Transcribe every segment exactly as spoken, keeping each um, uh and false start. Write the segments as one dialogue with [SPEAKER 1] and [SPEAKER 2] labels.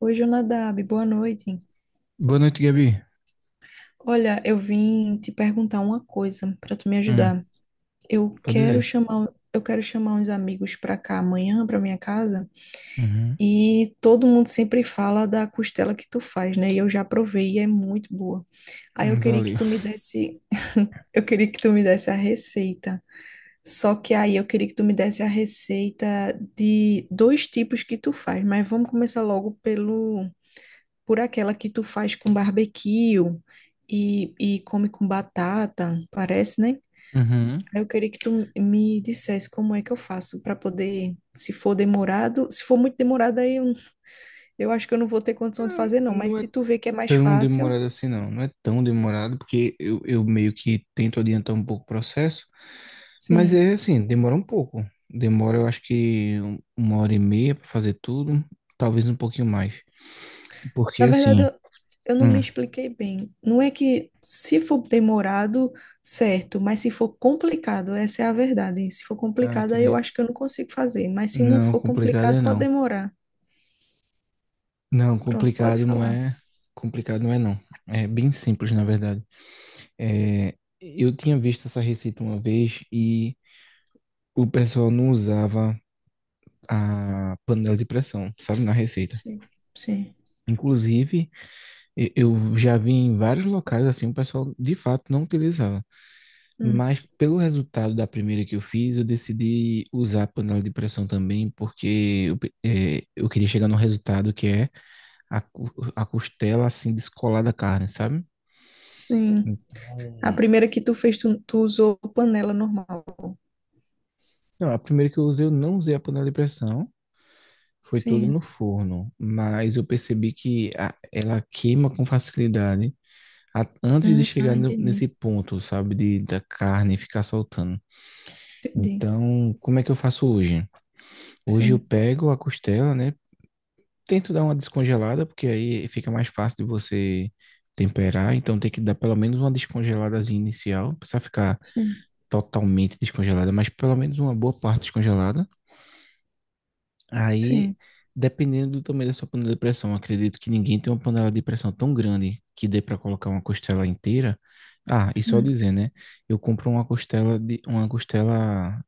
[SPEAKER 1] Oi, Jonadab, boa noite.
[SPEAKER 2] Boa noite, Gabi.
[SPEAKER 1] Olha, eu vim te perguntar uma coisa para tu me
[SPEAKER 2] Hum.
[SPEAKER 1] ajudar. Eu
[SPEAKER 2] Pode
[SPEAKER 1] quero
[SPEAKER 2] dizer.
[SPEAKER 1] chamar, um, eu quero chamar uns amigos para cá amanhã, para minha casa,
[SPEAKER 2] Uhum.
[SPEAKER 1] e todo mundo sempre fala da costela que tu faz, né? E eu já provei e é muito boa. Aí eu
[SPEAKER 2] Hum,
[SPEAKER 1] queria que
[SPEAKER 2] valeu.
[SPEAKER 1] tu me desse, eu queria que tu me desse a receita. Só que aí eu queria que tu me desse a receita de dois tipos que tu faz, mas vamos começar logo pelo por aquela que tu faz com barbecue e, e come com batata, parece, né?
[SPEAKER 2] Uhum.
[SPEAKER 1] Aí eu queria que tu me dissesse como é que eu faço para poder, se for demorado, se for muito demorado, aí eu, eu acho que eu não vou ter condição de
[SPEAKER 2] Hum,
[SPEAKER 1] fazer, não. Mas
[SPEAKER 2] Não é
[SPEAKER 1] se tu vê que é mais
[SPEAKER 2] tão
[SPEAKER 1] fácil,
[SPEAKER 2] demorado assim, não. Não é tão demorado, porque eu, eu meio que tento adiantar um pouco o processo, mas
[SPEAKER 1] sim.
[SPEAKER 2] é assim, demora um pouco. Demora, eu acho que um- uma hora e meia para fazer tudo, talvez um pouquinho mais. Porque
[SPEAKER 1] Na verdade,
[SPEAKER 2] assim.
[SPEAKER 1] eu, eu não me
[SPEAKER 2] Hum.
[SPEAKER 1] expliquei bem. Não é que se for demorado, certo, mas se for complicado, essa é a verdade. Se for
[SPEAKER 2] Ah,
[SPEAKER 1] complicado, aí eu
[SPEAKER 2] entendi.
[SPEAKER 1] acho que eu não consigo fazer. Mas se não
[SPEAKER 2] Não,
[SPEAKER 1] for
[SPEAKER 2] complicado
[SPEAKER 1] complicado,
[SPEAKER 2] é
[SPEAKER 1] pode
[SPEAKER 2] não.
[SPEAKER 1] demorar.
[SPEAKER 2] Não,
[SPEAKER 1] Pronto, pode
[SPEAKER 2] complicado não
[SPEAKER 1] falar.
[SPEAKER 2] é. Complicado não é não. É bem simples, na verdade. É, eu tinha visto essa receita uma vez e o pessoal não usava a panela de pressão, sabe, na receita.
[SPEAKER 1] Sim, sim.
[SPEAKER 2] Inclusive, e- eu já vi em vários locais assim, o pessoal de fato não utilizava.
[SPEAKER 1] Hum,
[SPEAKER 2] Mas pelo resultado da primeira que eu fiz, eu decidi usar a panela de pressão também, porque eu, pe- é, eu queria chegar no resultado que é a, cu- a costela assim descolar da carne, sabe?
[SPEAKER 1] sim. A
[SPEAKER 2] Então,
[SPEAKER 1] primeira que tu fez, tu, tu usou panela normal.
[SPEAKER 2] não, a primeira que eu usei, eu não usei a panela de pressão. Foi tudo
[SPEAKER 1] Sim.
[SPEAKER 2] no forno, mas eu percebi que a- ela queima com facilidade a- antes de
[SPEAKER 1] Hum, ah,
[SPEAKER 2] chegar no-
[SPEAKER 1] entendi.
[SPEAKER 2] nesse ponto, sabe, de, da carne ficar soltando.
[SPEAKER 1] Entendi.
[SPEAKER 2] Então, como é que eu faço hoje? Hoje eu
[SPEAKER 1] Sim,
[SPEAKER 2] pego a costela, né? Tento dar uma descongelada, porque aí fica mais fácil de você temperar. Então, tem que dar pelo menos uma descongeladazinha inicial. Não precisa ficar
[SPEAKER 1] sim,
[SPEAKER 2] totalmente descongelada, mas pelo menos uma boa parte descongelada. Aí,
[SPEAKER 1] sim.
[SPEAKER 2] dependendo do tamanho da sua panela de pressão, acredito que ninguém tem uma panela de pressão tão grande que dê para colocar uma costela inteira. Ah, e só
[SPEAKER 1] Hum.
[SPEAKER 2] dizer, né? Eu compro uma costela de uma costela,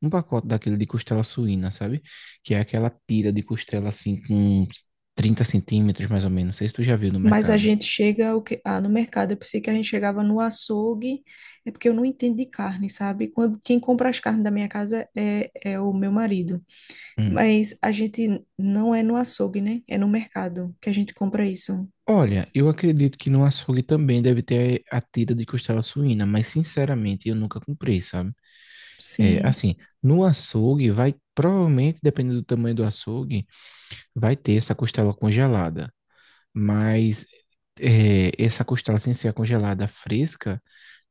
[SPEAKER 2] um pacote daquele de costela suína, sabe? Que é aquela tira de costela assim com trinta centímetros mais ou menos. Não sei se tu já viu no
[SPEAKER 1] Mas a
[SPEAKER 2] mercado.
[SPEAKER 1] gente chega o que... ah, no mercado. Eu pensei que a gente chegava no açougue. É porque eu não entendo de carne, sabe? Quando quem compra as carnes da minha casa é, é o meu marido.
[SPEAKER 2] Hum.
[SPEAKER 1] Mas a gente não é no açougue, né? É no mercado que a gente compra isso.
[SPEAKER 2] Olha, eu acredito que no açougue também deve ter a tira de costela suína, mas sinceramente eu nunca comprei, sabe? É,
[SPEAKER 1] Sim.
[SPEAKER 2] assim, no açougue vai, provavelmente, dependendo do tamanho do açougue, vai ter essa costela congelada. Mas é, essa costela sem ser a congelada fresca,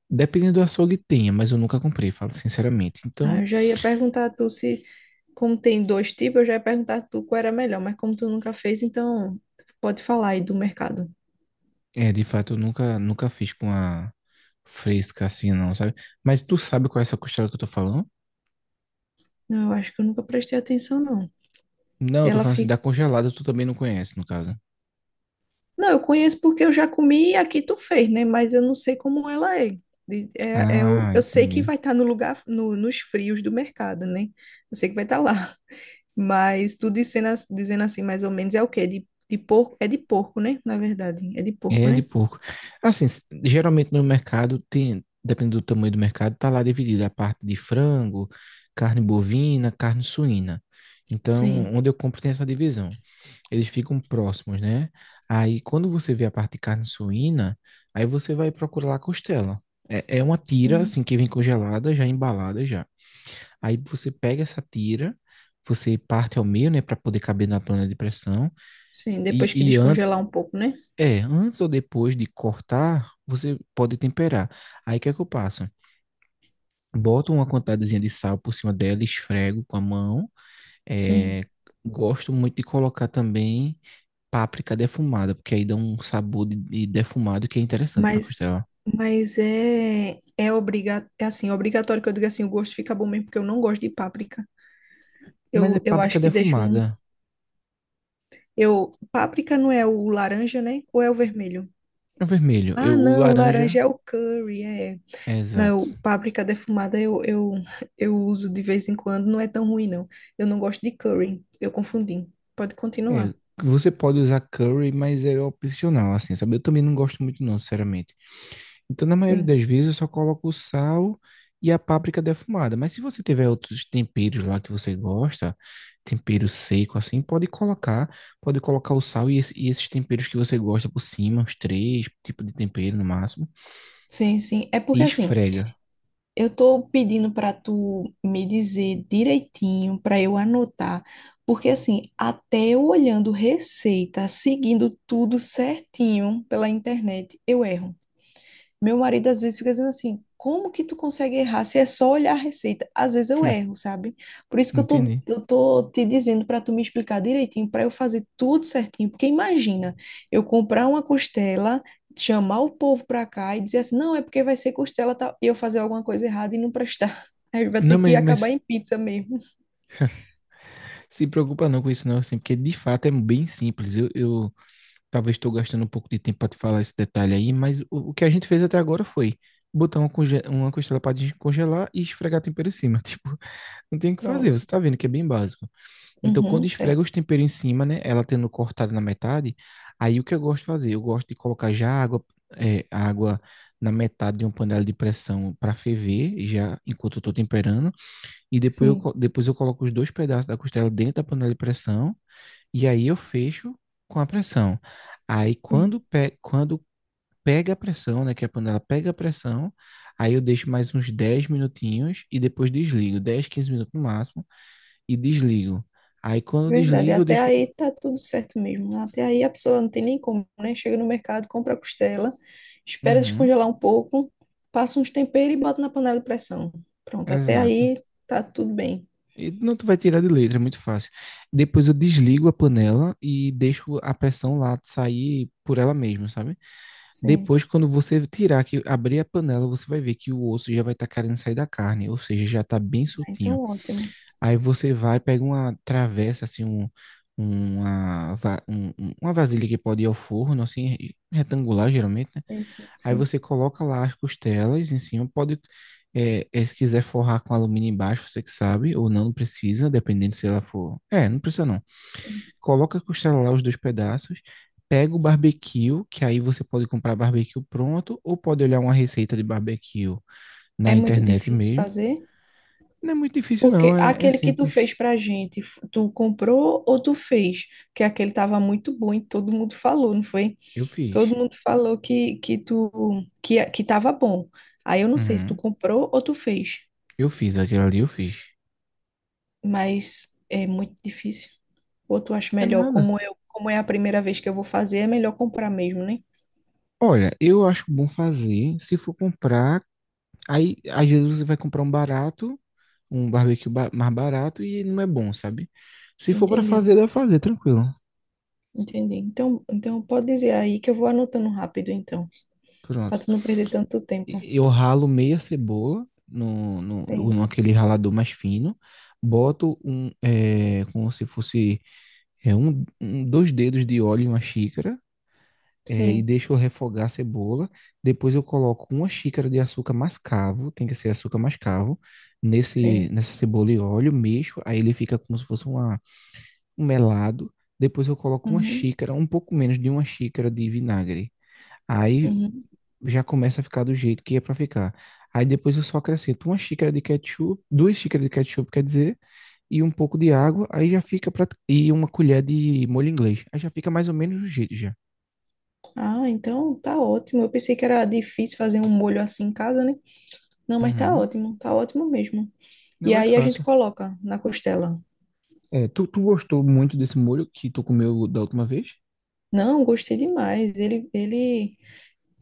[SPEAKER 2] dependendo do açougue tenha, mas eu nunca comprei, falo sinceramente.
[SPEAKER 1] Ah,
[SPEAKER 2] Então,
[SPEAKER 1] eu já ia perguntar a tu se como tem dois tipos, eu já ia perguntar a tu qual era melhor, mas como tu nunca fez, então pode falar aí do mercado.
[SPEAKER 2] é, de fato, eu nunca, nunca fiz com a fresca assim, não, sabe? Mas tu sabe qual é essa costela que eu tô falando?
[SPEAKER 1] Não, eu acho que eu nunca prestei atenção, não.
[SPEAKER 2] Não, eu tô
[SPEAKER 1] Ela
[SPEAKER 2] falando assim, da
[SPEAKER 1] fica.
[SPEAKER 2] congelada tu também não conhece, no caso.
[SPEAKER 1] Não, eu conheço porque eu já comi e aqui tu fez, né? Mas eu não sei como ela é. De- é, é o-
[SPEAKER 2] Ah,
[SPEAKER 1] eu sei que
[SPEAKER 2] entendi.
[SPEAKER 1] vai estar no lugar, no, nos frios do mercado, né? Eu sei que vai estar lá. Mas tu dizendo, as- dizendo assim, mais ou menos, é o quê? De, de porco? É de porco, né? Na verdade, é de porco,
[SPEAKER 2] É de
[SPEAKER 1] né?
[SPEAKER 2] porco. Assim, s- geralmente no mercado tem, dependendo do tamanho do mercado, tá lá dividida a parte de frango, carne bovina, carne suína. Então,
[SPEAKER 1] Sim,
[SPEAKER 2] onde eu compro tem essa divisão. Eles ficam próximos, né? Aí, quando você vê a parte de carne suína, aí você vai procurar lá a costela. É, é uma tira,
[SPEAKER 1] sim,
[SPEAKER 2] assim, que vem congelada, já embalada já. Aí você pega essa tira, você parte ao meio, né, para poder caber na panela de pressão.
[SPEAKER 1] sim.
[SPEAKER 2] E,
[SPEAKER 1] Depois que
[SPEAKER 2] e antes,
[SPEAKER 1] descongelar um pouco, né?
[SPEAKER 2] é, antes ou depois de cortar, você pode temperar. Aí o que é que eu passo? Boto uma quantidadezinha de sal por cima dela, esfrego com a mão. É,
[SPEAKER 1] Sim.
[SPEAKER 2] gosto muito de colocar também páprica defumada, porque aí dá um sabor de, de defumado que é interessante para
[SPEAKER 1] Mas,
[SPEAKER 2] costela.
[SPEAKER 1] mas é, é, obriga, é assim, obrigatório que eu diga assim, o gosto fica bom mesmo, porque eu não gosto de páprica.
[SPEAKER 2] Mas é
[SPEAKER 1] Eu, eu
[SPEAKER 2] páprica
[SPEAKER 1] acho que deixa um.
[SPEAKER 2] defumada.
[SPEAKER 1] Eu, páprica não é o laranja, né? Ou é o vermelho?
[SPEAKER 2] É vermelho.
[SPEAKER 1] Ah,
[SPEAKER 2] Eu, o
[SPEAKER 1] não, o
[SPEAKER 2] laranja.
[SPEAKER 1] laranja é o curry, é.
[SPEAKER 2] É,
[SPEAKER 1] Não,
[SPEAKER 2] exato.
[SPEAKER 1] eu- páprica defumada eu, eu, eu uso de vez em quando, não é tão ruim, não. Eu não gosto de curry, eu confundi. Pode
[SPEAKER 2] É,
[SPEAKER 1] continuar.
[SPEAKER 2] você pode usar curry, mas é opcional, assim, sabe? Eu também não gosto muito, não, sinceramente. Então, na maioria
[SPEAKER 1] Sim,
[SPEAKER 2] das vezes, eu só coloco o sal e a páprica defumada. Mas se você tiver outros temperos lá que você gosta, tempero seco assim, pode colocar. Pode colocar o sal e, esse- e esses temperos que você gosta por cima, uns três tipos de tempero no máximo.
[SPEAKER 1] sim, sim. É
[SPEAKER 2] E
[SPEAKER 1] porque assim.
[SPEAKER 2] esfrega.
[SPEAKER 1] Eu tô pedindo para tu me dizer direitinho para eu anotar, porque assim, até eu olhando receita, seguindo tudo certinho pela internet, eu erro. Meu marido às vezes fica dizendo assim: como que tu consegue errar se é só olhar a receita? Às vezes eu
[SPEAKER 2] Hum,
[SPEAKER 1] erro, sabe? Por isso que eu tô,
[SPEAKER 2] Entendi.
[SPEAKER 1] eu tô te dizendo para tu me explicar direitinho, para eu fazer tudo certinho. Porque imagina, eu comprar uma costela, chamar o povo para cá e dizer assim: não, é porque vai ser costela tal, e eu fazer alguma coisa errada e não prestar. Aí vai
[SPEAKER 2] Não,
[SPEAKER 1] ter que
[SPEAKER 2] mas, mas
[SPEAKER 1] acabar em pizza mesmo.
[SPEAKER 2] se preocupa não com isso não, assim, porque de fato é bem simples. Eu, eu Talvez estou gastando um pouco de tempo para te falar esse detalhe aí, mas o, o que a gente fez até agora foi botar uma, conge- uma costela para descongelar e esfregar tempero em cima. Tipo, não tem o que fazer,
[SPEAKER 1] Pronto.
[SPEAKER 2] você tá vendo que é bem básico. Então, quando
[SPEAKER 1] Uhum,
[SPEAKER 2] esfrega
[SPEAKER 1] certo.
[SPEAKER 2] os temperos em cima, né, ela tendo cortado na metade, aí o que eu gosto de fazer? Eu gosto de colocar já água, é, água na metade de uma panela de pressão para ferver, já enquanto eu tô temperando, e depois eu,
[SPEAKER 1] Sim,
[SPEAKER 2] co- depois eu coloco os dois pedaços da costela dentro da panela de pressão e aí eu fecho com a pressão. Aí
[SPEAKER 1] sim.
[SPEAKER 2] quando, pe quando pega a pressão, né, que a panela pega a pressão, aí eu deixo mais uns dez minutinhos e depois desligo, dez, quinze minutos no máximo, e desligo. Aí quando
[SPEAKER 1] Verdade,
[SPEAKER 2] desligo, eu
[SPEAKER 1] até
[SPEAKER 2] deixo.
[SPEAKER 1] aí tá tudo certo mesmo. Até aí a pessoa não tem nem como, né? Chega no mercado, compra a costela, espera
[SPEAKER 2] Uhum,
[SPEAKER 1] descongelar um pouco, passa uns temperos e bota na panela de pressão. Pronto, até
[SPEAKER 2] exato.
[SPEAKER 1] aí tá tudo bem.
[SPEAKER 2] E não tu vai tirar de letra, é muito fácil. Depois eu desligo a panela e deixo a pressão lá sair por ela mesma, sabe?
[SPEAKER 1] Sim,
[SPEAKER 2] Depois, quando você tirar, que abrir a panela, você vai ver que o osso já vai estar querendo sair da carne, ou seja, já está bem
[SPEAKER 1] ah, então
[SPEAKER 2] soltinho.
[SPEAKER 1] é ótimo.
[SPEAKER 2] Aí você vai, pega uma travessa, assim, um, uma, va- um- um- uma vasilha que pode ir ao forno, assim, re- retangular geralmente, né?
[SPEAKER 1] Sim, sim,
[SPEAKER 2] Aí
[SPEAKER 1] sim,
[SPEAKER 2] você coloca lá as costelas em cima, pode, é, é, se quiser forrar com alumínio embaixo, você que sabe, ou não, não precisa, dependendo se ela for. É, não precisa não.
[SPEAKER 1] sim.
[SPEAKER 2] Coloca a costela lá, os dois pedaços, pega o barbecue, que aí você pode comprar barbecue pronto, ou pode olhar uma receita de barbecue na
[SPEAKER 1] É muito
[SPEAKER 2] internet
[SPEAKER 1] difícil
[SPEAKER 2] mesmo.
[SPEAKER 1] fazer,
[SPEAKER 2] Não é muito difícil não,
[SPEAKER 1] porque
[SPEAKER 2] é é
[SPEAKER 1] aquele que tu
[SPEAKER 2] simples.
[SPEAKER 1] fez pra gente, f- tu comprou ou tu fez? Porque aquele tava muito bom e todo mundo falou, não foi?
[SPEAKER 2] Eu fiz.
[SPEAKER 1] Todo mundo falou que que tu que que tava bom. Aí eu não sei se tu
[SPEAKER 2] Uhum.
[SPEAKER 1] comprou ou tu fez,
[SPEAKER 2] Eu fiz aquilo ali, eu fiz.
[SPEAKER 1] mas é muito difícil. Ou tu acha
[SPEAKER 2] É
[SPEAKER 1] melhor,
[SPEAKER 2] nada.
[SPEAKER 1] como eu, como é a primeira vez que eu vou fazer, é melhor comprar mesmo, né?
[SPEAKER 2] Olha, eu acho bom fazer se for comprar. Aí, às vezes, você vai comprar um barato, um barbecue ba- mais barato e não é bom, sabe? Se for para
[SPEAKER 1] Entendi,
[SPEAKER 2] fazer, dá pra fazer, tranquilo.
[SPEAKER 1] entendi. Então, então pode dizer aí que eu vou anotando rápido, então, para
[SPEAKER 2] Pronto.
[SPEAKER 1] tu não perder tanto tempo.
[SPEAKER 2] E- Eu ralo meia cebola no, no, no,
[SPEAKER 1] Sim.
[SPEAKER 2] naquele ralador mais fino. Boto um, é, como se fosse é, um, um- dois dedos de óleo em uma xícara. é, e
[SPEAKER 1] Sim,
[SPEAKER 2] deixo refogar a cebola. Depois eu coloco uma xícara de açúcar mascavo, tem que ser açúcar mascavo, nesse,
[SPEAKER 1] sim.
[SPEAKER 2] nessa cebola e óleo, mexo, aí ele fica como se fosse uma, um melado. Depois eu coloco uma
[SPEAKER 1] Uhum,
[SPEAKER 2] xícara, um pouco menos de uma xícara de vinagre. Aí
[SPEAKER 1] uhum.
[SPEAKER 2] já começa a ficar do jeito que é para ficar. Aí depois eu só acrescento uma xícara de ketchup, duas xícaras de ketchup, quer dizer, e um pouco de água, aí já fica pra. E uma colher de molho inglês. Aí já fica mais ou menos do jeito já.
[SPEAKER 1] Ah, então tá ótimo. Eu pensei que era difícil fazer um molho assim em casa, né? Não, mas tá
[SPEAKER 2] Uhum.
[SPEAKER 1] ótimo, tá ótimo mesmo. E
[SPEAKER 2] Não é
[SPEAKER 1] aí a gente
[SPEAKER 2] fácil.
[SPEAKER 1] coloca na costela.
[SPEAKER 2] É, tu, tu gostou muito desse molho que tu comeu da última vez?
[SPEAKER 1] Não, gostei demais. Ele, ele,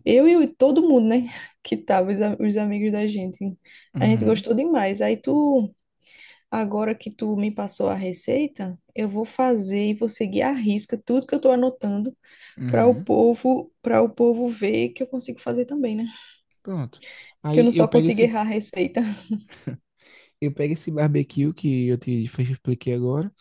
[SPEAKER 1] eu e o- todo mundo, né? Que tava, os, a- os amigos da gente. A gente
[SPEAKER 2] Uhum,
[SPEAKER 1] gostou demais. Aí tu, agora que tu me passou a receita, eu vou fazer e vou seguir à risca tudo que eu tô anotando para o
[SPEAKER 2] uhum.
[SPEAKER 1] povo, para o povo ver que eu consigo fazer também, né?
[SPEAKER 2] Pronto.
[SPEAKER 1] Que eu não
[SPEAKER 2] Aí eu
[SPEAKER 1] só
[SPEAKER 2] pego
[SPEAKER 1] consigo
[SPEAKER 2] esse,
[SPEAKER 1] errar a receita.
[SPEAKER 2] eu pego esse barbecue que eu te fe- expliquei agora,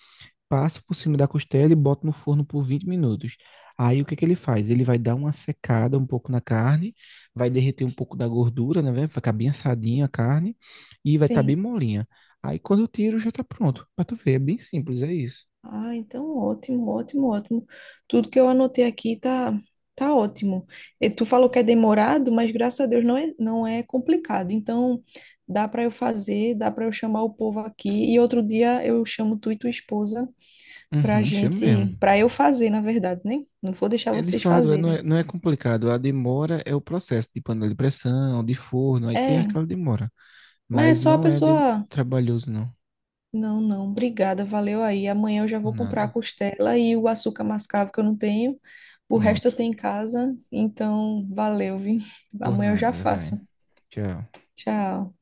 [SPEAKER 2] passo por cima da costela e boto no forno por vinte minutos. Aí o que que ele faz? Ele vai dar uma secada um pouco na carne, vai derreter um pouco da gordura, né? Velho? Vai ficar bem assadinha a carne e vai estar bem
[SPEAKER 1] Sim.
[SPEAKER 2] molinha. Aí quando eu tiro já tá pronto. Pra tu ver, é bem simples, é isso.
[SPEAKER 1] Ah, então ótimo, ótimo, ótimo. Tudo que eu anotei aqui tá, tá ótimo. E tu falou que é demorado, mas graças a Deus não é, não é complicado. Então dá para eu fazer, dá para eu chamar o povo aqui e outro dia eu chamo tu e tua esposa pra
[SPEAKER 2] Uhum, chama mesmo.
[SPEAKER 1] gente, pra eu fazer, na verdade, né? Não vou deixar
[SPEAKER 2] É de
[SPEAKER 1] vocês
[SPEAKER 2] fato, é- não
[SPEAKER 1] fazerem.
[SPEAKER 2] é, não é complicado. A demora é o processo de panela de pressão, de forno, aí tem
[SPEAKER 1] É,
[SPEAKER 2] aquela demora.
[SPEAKER 1] mas é
[SPEAKER 2] Mas
[SPEAKER 1] só a
[SPEAKER 2] não é de-
[SPEAKER 1] pessoa.
[SPEAKER 2] trabalhoso, não.
[SPEAKER 1] Não, não, obrigada, valeu aí. Amanhã eu já
[SPEAKER 2] Por
[SPEAKER 1] vou comprar a
[SPEAKER 2] nada.
[SPEAKER 1] costela e o açúcar mascavo que eu não tenho. O resto eu
[SPEAKER 2] Pronto.
[SPEAKER 1] tenho em casa, então valeu, viu?
[SPEAKER 2] Por
[SPEAKER 1] Amanhã eu já
[SPEAKER 2] nada, vai.
[SPEAKER 1] faço.
[SPEAKER 2] Tchau.
[SPEAKER 1] Tchau.